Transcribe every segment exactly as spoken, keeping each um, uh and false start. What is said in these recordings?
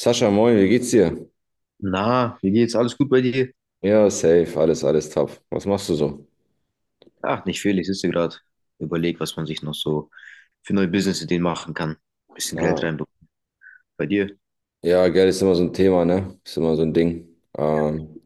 Sascha, moin, wie geht's dir? Na, wie geht's? Alles gut bei dir? Ja, safe, alles, alles top. Was machst du so? Ach, nicht viel. Ich sitze gerade, überleg, was man sich noch so für neue Business-Ideen machen kann. Ein bisschen Geld Ah. reinbekommen. Bei dir? Ja, Geld ist immer so ein Thema, ne? Ist immer so ein Ding. Ähm,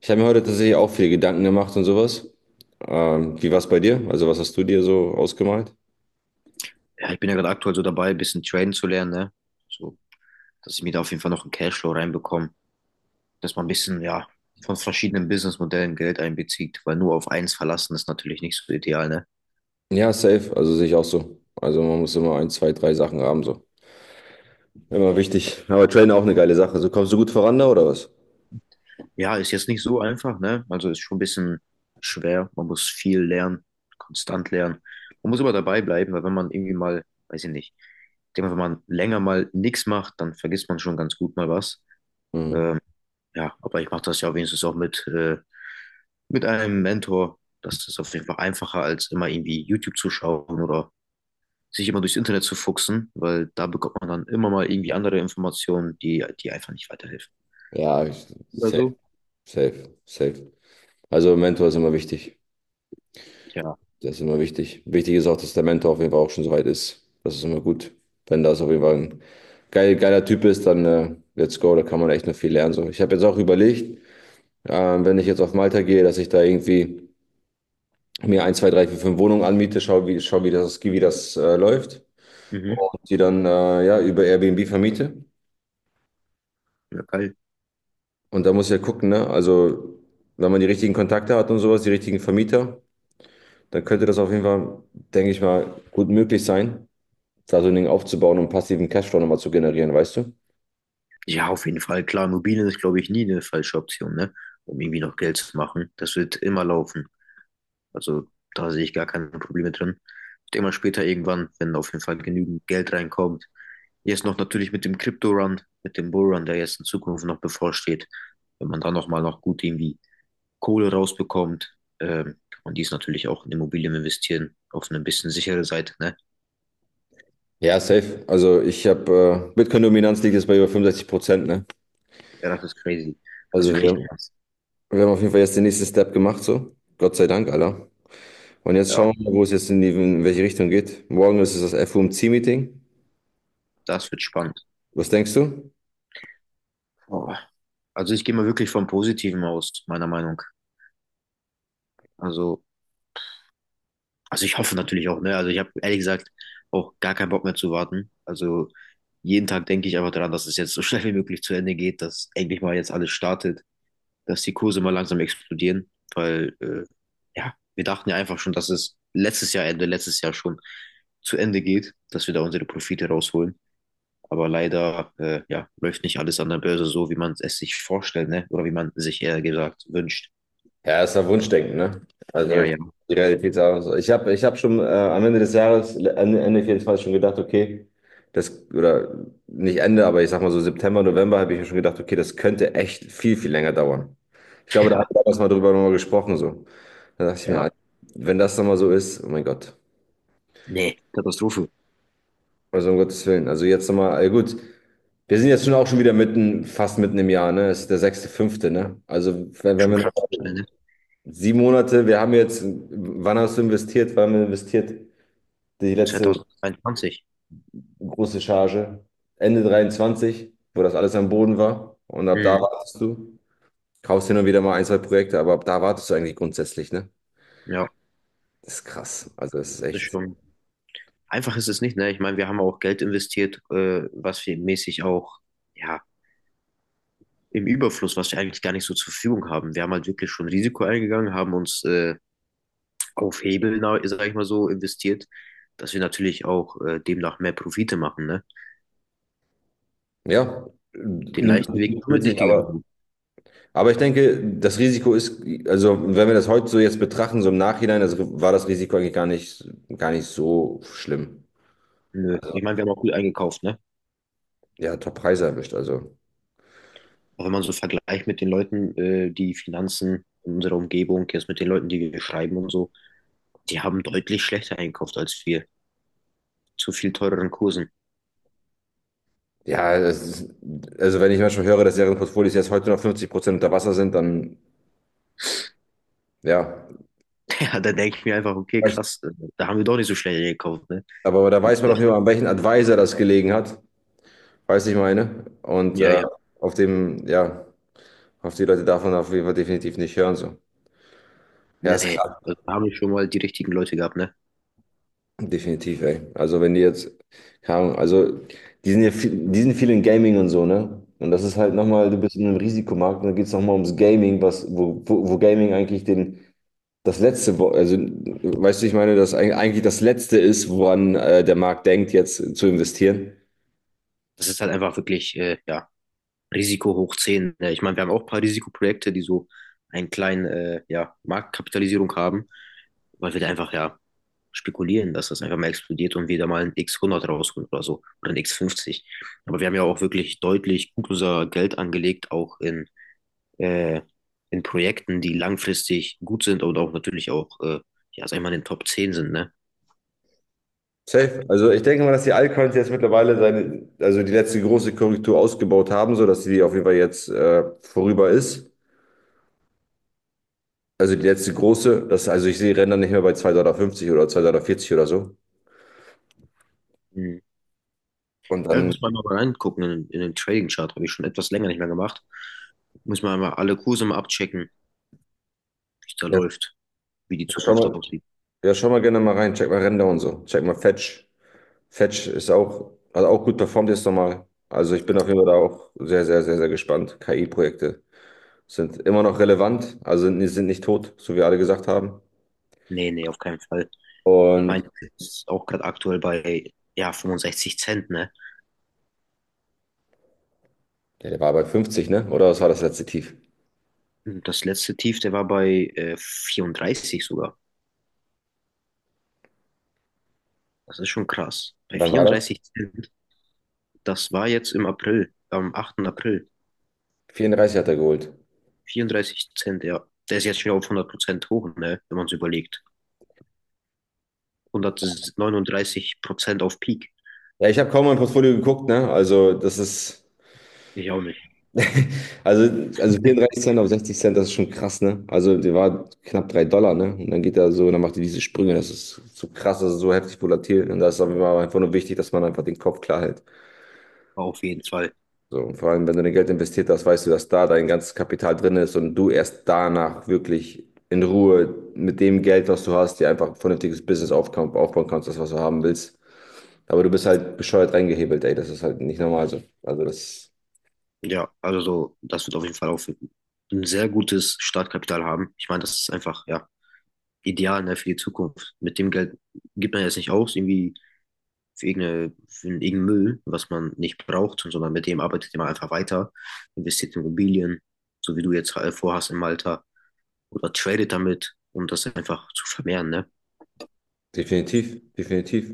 Ich habe mir heute tatsächlich auch viele Gedanken gemacht und sowas. Ähm, wie war's bei dir? Also, was hast du dir so ausgemalt? Ja, ich bin ja gerade aktuell so dabei, ein bisschen traden zu lernen, ne? So, dass ich mir da auf jeden Fall noch einen Cashflow reinbekomme, dass man ein bisschen, ja, von verschiedenen Businessmodellen Geld einbezieht, weil nur auf eins verlassen ist natürlich nicht so ideal, ne? Ja, safe, also sehe ich auch so. Also, man muss immer ein, zwei, drei Sachen haben, so. Immer wichtig. Aber Trainer auch eine geile Sache. So kommst du gut voran da oder was? Ja, ist jetzt nicht so einfach, ne? Also ist schon ein bisschen schwer. Man muss viel lernen, konstant lernen. Man muss aber dabei bleiben, weil wenn man irgendwie mal, weiß ich nicht, ich denke mal, wenn man länger mal nichts macht, dann vergisst man schon ganz gut mal was. Mhm. Ähm, ja, aber ich mache das ja wenigstens auch mit, äh, mit einem Mentor. Das ist auf jeden Fall einfacher, als immer irgendwie YouTube zu schauen oder sich immer durchs Internet zu fuchsen, weil da bekommt man dann immer mal irgendwie andere Informationen, die, die einfach nicht weiterhelfen. Ja, ich- Oder safe, so. safe, safe. Also, Mentor ist immer wichtig. Ja. Das ist immer wichtig. Wichtig ist auch, dass der Mentor auf jeden Fall auch schon soweit ist. Das ist immer gut. Wenn das auf jeden Fall ein geil, geiler Typ ist, dann äh, let's go. Da kann man echt noch viel lernen. So. Ich habe jetzt auch überlegt, ähm, wenn ich jetzt auf Malta gehe, dass ich da irgendwie mir ein, zwei, drei, vier, fünf Wohnungen anmiete, schau, wie, schau, wie das, wie das äh, läuft. Mhm. Und die dann äh, ja, über Airbnb vermiete. Ja, geil. Und da muss ich ja gucken, ne? Also, wenn man die richtigen Kontakte hat und sowas, die richtigen Vermieter, dann könnte das auf jeden Fall, denke ich mal, gut möglich sein. Da so ein Ding aufzubauen, um passiven Cashflow nochmal zu generieren, weißt du? Ja, auf jeden Fall. Klar, Immobilien ist, glaube ich, nie eine falsche Option, ne? Um irgendwie noch Geld zu machen. Das wird immer laufen. Also da sehe ich gar keine Probleme drin. Ich denke mal später irgendwann, wenn auf jeden Fall genügend Geld reinkommt. Jetzt noch natürlich mit dem Crypto-Run, mit dem Bull-Run, der jetzt in Zukunft noch bevorsteht. Wenn man da nochmal noch gut irgendwie Kohle rausbekommt, ähm, kann man dies natürlich auch in Immobilien investieren, auf eine bisschen sichere Seite, ne? Ja, safe. Also ich habe, äh, Bitcoin-Dominanz liegt jetzt bei über fünfundsechzig Prozent, ne? Ja, das ist crazy. Das ist Also wirklich wir, krass. wir haben auf jeden Fall jetzt den nächsten Step gemacht, so. Gott sei Dank, Alter. Und jetzt Ja, schauen wir, wo es jetzt in, die, in welche Richtung geht. Morgen ist es das F O M C-Meeting. das wird spannend. Was denkst du? Boah. Also ich gehe mal wirklich vom Positiven aus, meiner Meinung. Also, also ich hoffe natürlich auch, ne? Also ich habe ehrlich gesagt auch gar keinen Bock mehr zu warten. Also jeden Tag denke ich einfach daran, dass es jetzt so schnell wie möglich zu Ende geht, dass endlich mal jetzt alles startet, dass die Kurse mal langsam explodieren, weil äh, ja, wir dachten ja einfach schon, dass es letztes Jahr Ende, letztes Jahr schon zu Ende geht, dass wir da unsere Profite rausholen. Aber leider äh, ja, läuft nicht alles an der Börse so, wie man es sich vorstellt, ne? Oder wie man sich eher gesagt wünscht. Ja, ist ja Wunschdenken, ne? Also Ja, ich, ja, die Realität ist auch so. Ich habe ich hab schon äh, am Ende des Jahres, Ende, Ende vierundzwanzig schon gedacht, okay, das, oder nicht Ende, aber ich sag mal so September, November habe ich mir schon gedacht, okay, das könnte echt viel, viel länger dauern. Ich glaube, da haben ja, wir damals mal drüber nochmal gesprochen, so. Da dachte ich mir, ja. Alter, wenn das nochmal so ist, oh mein Gott. Nee, Katastrophe. Also um Gottes Willen. Also jetzt nochmal, äh, gut, wir sind jetzt schon auch schon wieder mitten, fast mitten im Jahr, ne? Es ist der sechste, fünfte, ne? Also wenn, wenn Schon wir noch krass, ne? Sieben Monate, wir haben jetzt, wann hast du investiert? Wann haben wir investiert? Die letzte zweitausendzweiundzwanzig. große Charge. Ende dreiundzwanzig, wo das alles am Boden war. Und ab da Mhm. wartest du. Kaufst hin und wieder mal ein, zwei Projekte, aber ab da wartest du eigentlich grundsätzlich, ne? Ja, Das ist krass. Also das ist das ist echt. schon. Einfach ist es nicht, ne? Ich meine, wir haben auch Geld investiert, äh, was wir mäßig auch, ja, im Überfluss, was wir eigentlich gar nicht so zur Verfügung haben. Wir haben halt wirklich schon Risiko eingegangen, haben uns äh, auf Hebel, na- sag ich mal so, investiert, dass wir natürlich auch äh, demnach mehr Profite machen, ne? Ja, Den nimmt leichten Weg nimmt sind wir mit nicht sich, aber, gegangen. aber ich denke, das Risiko ist, also wenn wir das heute so jetzt betrachten, so im Nachhinein, also war das Risiko eigentlich gar nicht, gar nicht so schlimm. Nö. Also, Ich meine, wir haben auch gut eingekauft, ne? ja, Top-Preise erwischt. Also. Auch wenn man so vergleicht mit den Leuten, äh, die Finanzen in unserer Umgebung, jetzt mit den Leuten, die wir schreiben und so, die haben deutlich schlechter einkauft als wir, zu viel teureren Kursen. Ja, es ist, also wenn ich manchmal höre, dass deren Portfolios jetzt heute noch fünfzig Prozent unter Wasser sind, dann ja. Ja, da denke ich mir einfach, okay, weiß- krass, äh, da haben wir doch nicht so schnell gekauft, ne? Aber da weiß man auf Ja, jeden Fall, an welchen Advisor das gelegen hat, weiß ich meine. Und ja, äh, ja. auf dem, ja, auf die Leute darf man auf jeden Fall definitiv nicht hören. So. Ja, ist Nee, klar. also da haben wir schon mal die richtigen Leute gehabt, ne? Definitiv, ey. Also wenn die jetzt, keine Ahnung, also die sind ja viel, die sind viel in Gaming und so, ne? Und das ist halt nochmal, du bist in einem Risikomarkt und dann geht es nochmal ums Gaming, was, wo, wo, wo Gaming eigentlich den das letzte, wo- also weißt du, ich meine, dass eig- eigentlich das letzte ist, woran äh, der Markt denkt, jetzt zu investieren. Das ist halt einfach wirklich, äh, ja, Risiko hoch zehn. Ja, ich meine, wir haben auch ein paar Risikoprojekte, die so einen kleinen, äh, ja, Marktkapitalisierung haben, weil wir da einfach, ja, spekulieren, dass das einfach mal explodiert und wir da mal ein X hundert rausholen oder so oder ein X fünfzig. Aber wir haben ja auch wirklich deutlich gut unser Geld angelegt, auch in, äh, in Projekten, die langfristig gut sind und auch natürlich auch, äh, ja, sag ich mal, in den Top zehn sind, ne? Safe. Also ich denke mal, dass die Altcoins jetzt mittlerweile seine, also die letzte große Korrektur ausgebaut haben, sodass die auf jeden Fall jetzt äh, vorüber ist. Also die letzte große, das, also ich sehe Ränder nicht mehr bei zwei Komma fünfzig Dollar oder zwei Komma vierzig Dollar oder so. Mhm. Und Ja, dann, muss man mal reingucken in, in den Trading Chart, habe ich schon etwas länger nicht mehr gemacht. Muss man mal alle Kurse mal abchecken, wie es da ja, läuft. wie die ja, schau Zukunft mal, aussieht. ja, schau mal gerne mal rein, check mal Ränder und so, check mal Fetch. Fetch ist auch, hat auch gut performt jetzt nochmal. Also ich bin auf jeden Fall da auch sehr, sehr, sehr, sehr gespannt. K I-Projekte sind immer noch relevant, also sind, sind nicht tot, so wie alle gesagt haben. Nee, nee, auf keinen Fall. Ich meine, Und es ist auch gerade aktuell bei ja, 65 Cent, ne? ja, der war bei fünfzig, ne? Oder was war das letzte Tief? Das letzte Tief, der war bei äh, vierunddreißig sogar. Das ist schon krass. Bei Wann war das? 34 Cent, das war jetzt im April, am achten April. vierunddreißig hat er geholt. 34 Cent, ja. Der ist jetzt schon auf hundert Prozent hoch, ne? Wenn man es überlegt. hundertneununddreißig Prozent auf Peak. Ja, ich habe kaum mein Portfolio geguckt, ne? Also das ist, Ich auch nicht. Also, also vierunddreißig Cent auf sechzig Cent, das ist schon krass, ne? Also, der war knapp drei Dollar, ne? Und dann geht er so, dann macht er diese Sprünge. Das ist so krass, das ist so heftig volatil, ne? Und da ist aber einfach nur wichtig, dass man einfach den Kopf klar hält. Auf jeden Fall. So, und vor allem, wenn du dein Geld investiert hast, weißt du, dass da dein ganzes Kapital drin ist und du erst danach wirklich in Ruhe mit dem Geld, was du hast, dir einfach ein vernünftiges Business aufbauen, aufbauen kannst, das, was du haben willst. Aber du bist halt bescheuert reingehebelt, ey. Das ist halt nicht normal so. Also, das Ja, also so, das wird auf jeden Fall auch ein sehr gutes Startkapital haben. Ich meine, das ist einfach, ja, ideal ne, für die Zukunft. Mit dem Geld gibt man jetzt nicht aus, irgendwie für, irgendeine, für irgendeinen Müll, was man nicht braucht, sondern mit dem arbeitet man einfach weiter, investiert in Immobilien, so wie du jetzt äh, vorhast in Malta, oder tradet damit, um das einfach zu vermehren, ne? definitiv, definitiv.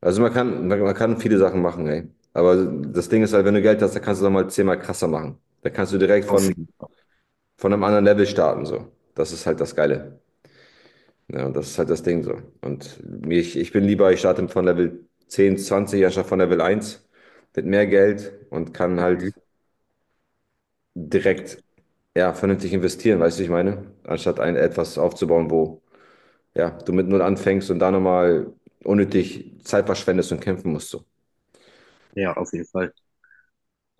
Also man kann, man, man kann viele Sachen machen, ey. Aber das Ding ist halt, wenn du Geld hast, dann kannst du es nochmal zehnmal krasser machen. Da kannst du direkt Auf von, jeden Fall. von einem anderen Level starten, so. Das ist halt das Geile. Ja, und das ist halt das Ding so. Und mir- ich, ich bin lieber, ich starte von Level zehn, zwanzig anstatt von Level eins mit mehr Geld und kann halt Mhm. direkt, ja, vernünftig investieren, weißt du, ich meine? Anstatt ein etwas aufzubauen, wo, ja, du mit null anfängst und da nochmal unnötig Zeit verschwendest und kämpfen musst, so. Ja, auf jeden Fall.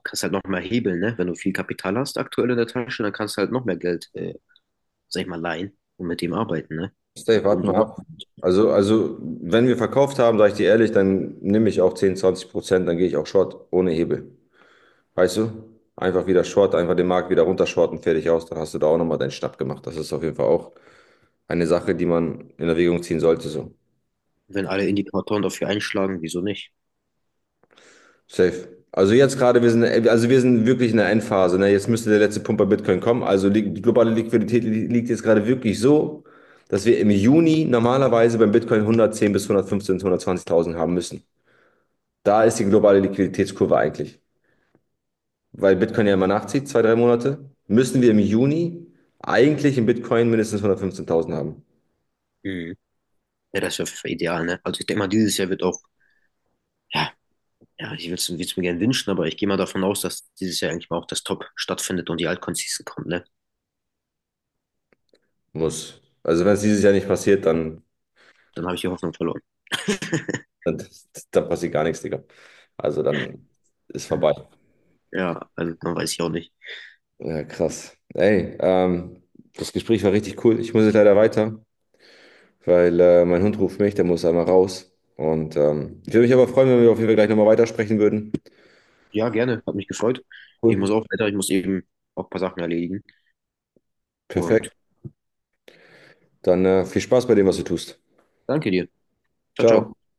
Kannst halt noch mehr hebeln, ne? Wenn du viel Kapital hast aktuell in der Tasche, dann kannst du halt noch mehr Geld, äh, sag ich mal, leihen und mit dem arbeiten, ne? Stay, Und warte umso mal noch, ab. Also, also, wenn wir verkauft haben, sage ich dir ehrlich, dann nehme ich auch zehn, zwanzig Prozent, dann gehe ich auch Short ohne Hebel. Weißt du? Einfach wieder Short, einfach den Markt wieder runtershorten, fertig aus. Dann hast du da auch nochmal deinen Schnapp gemacht. Das ist auf jeden Fall auch eine Sache, die man in Erwägung ziehen sollte. So. wenn alle Indikatoren dafür einschlagen, wieso nicht? Safe. Also jetzt gerade, wir sind, also wir sind wirklich in der Endphase. Ne? Jetzt müsste der letzte Pump bei Bitcoin kommen. Also li- die globale Liquidität li- liegt jetzt gerade wirklich so, dass wir im Juni normalerweise beim Bitcoin hundertzehn bis hundertfünfzehn, hundertzwanzigtausend haben müssen. Da ist die globale Liquiditätskurve eigentlich. Weil Bitcoin ja immer nachzieht, zwei, drei Monate, müssen wir im Juni eigentlich im Bitcoin mindestens hundertfünfzehntausend haben. Mhm. Ja, das wäre ideal, ne? Also ich denke mal, dieses Jahr wird auch, ja, ja, ich will's, es mir gerne wünschen, aber ich gehe mal davon aus, dass dieses Jahr eigentlich mal auch das Top stattfindet und die Altcon-Season kommt, ne? Muss. Also wenn es dieses Jahr nicht passiert, dann, Dann habe ich die Hoffnung verloren. dann, dann passiert gar nichts, Digga. Also dann ist Mhm. vorbei. Ja, also dann weiß ich auch nicht. Ja, krass. Ey, ähm, das Gespräch war richtig cool. Ich muss jetzt leider weiter, weil äh, mein Hund ruft mich, der muss einmal raus. Und ähm, ich würde mich aber freuen, wenn wir auf jeden Fall gleich nochmal weitersprechen würden. Ja, gerne, hat mich gefreut. Ich muss Cool. auch weiter, ich muss eben auch ein paar Sachen erledigen und Perfekt. Dann äh, viel Spaß bei dem, was du tust. danke dir. Ciao, Ciao. ciao.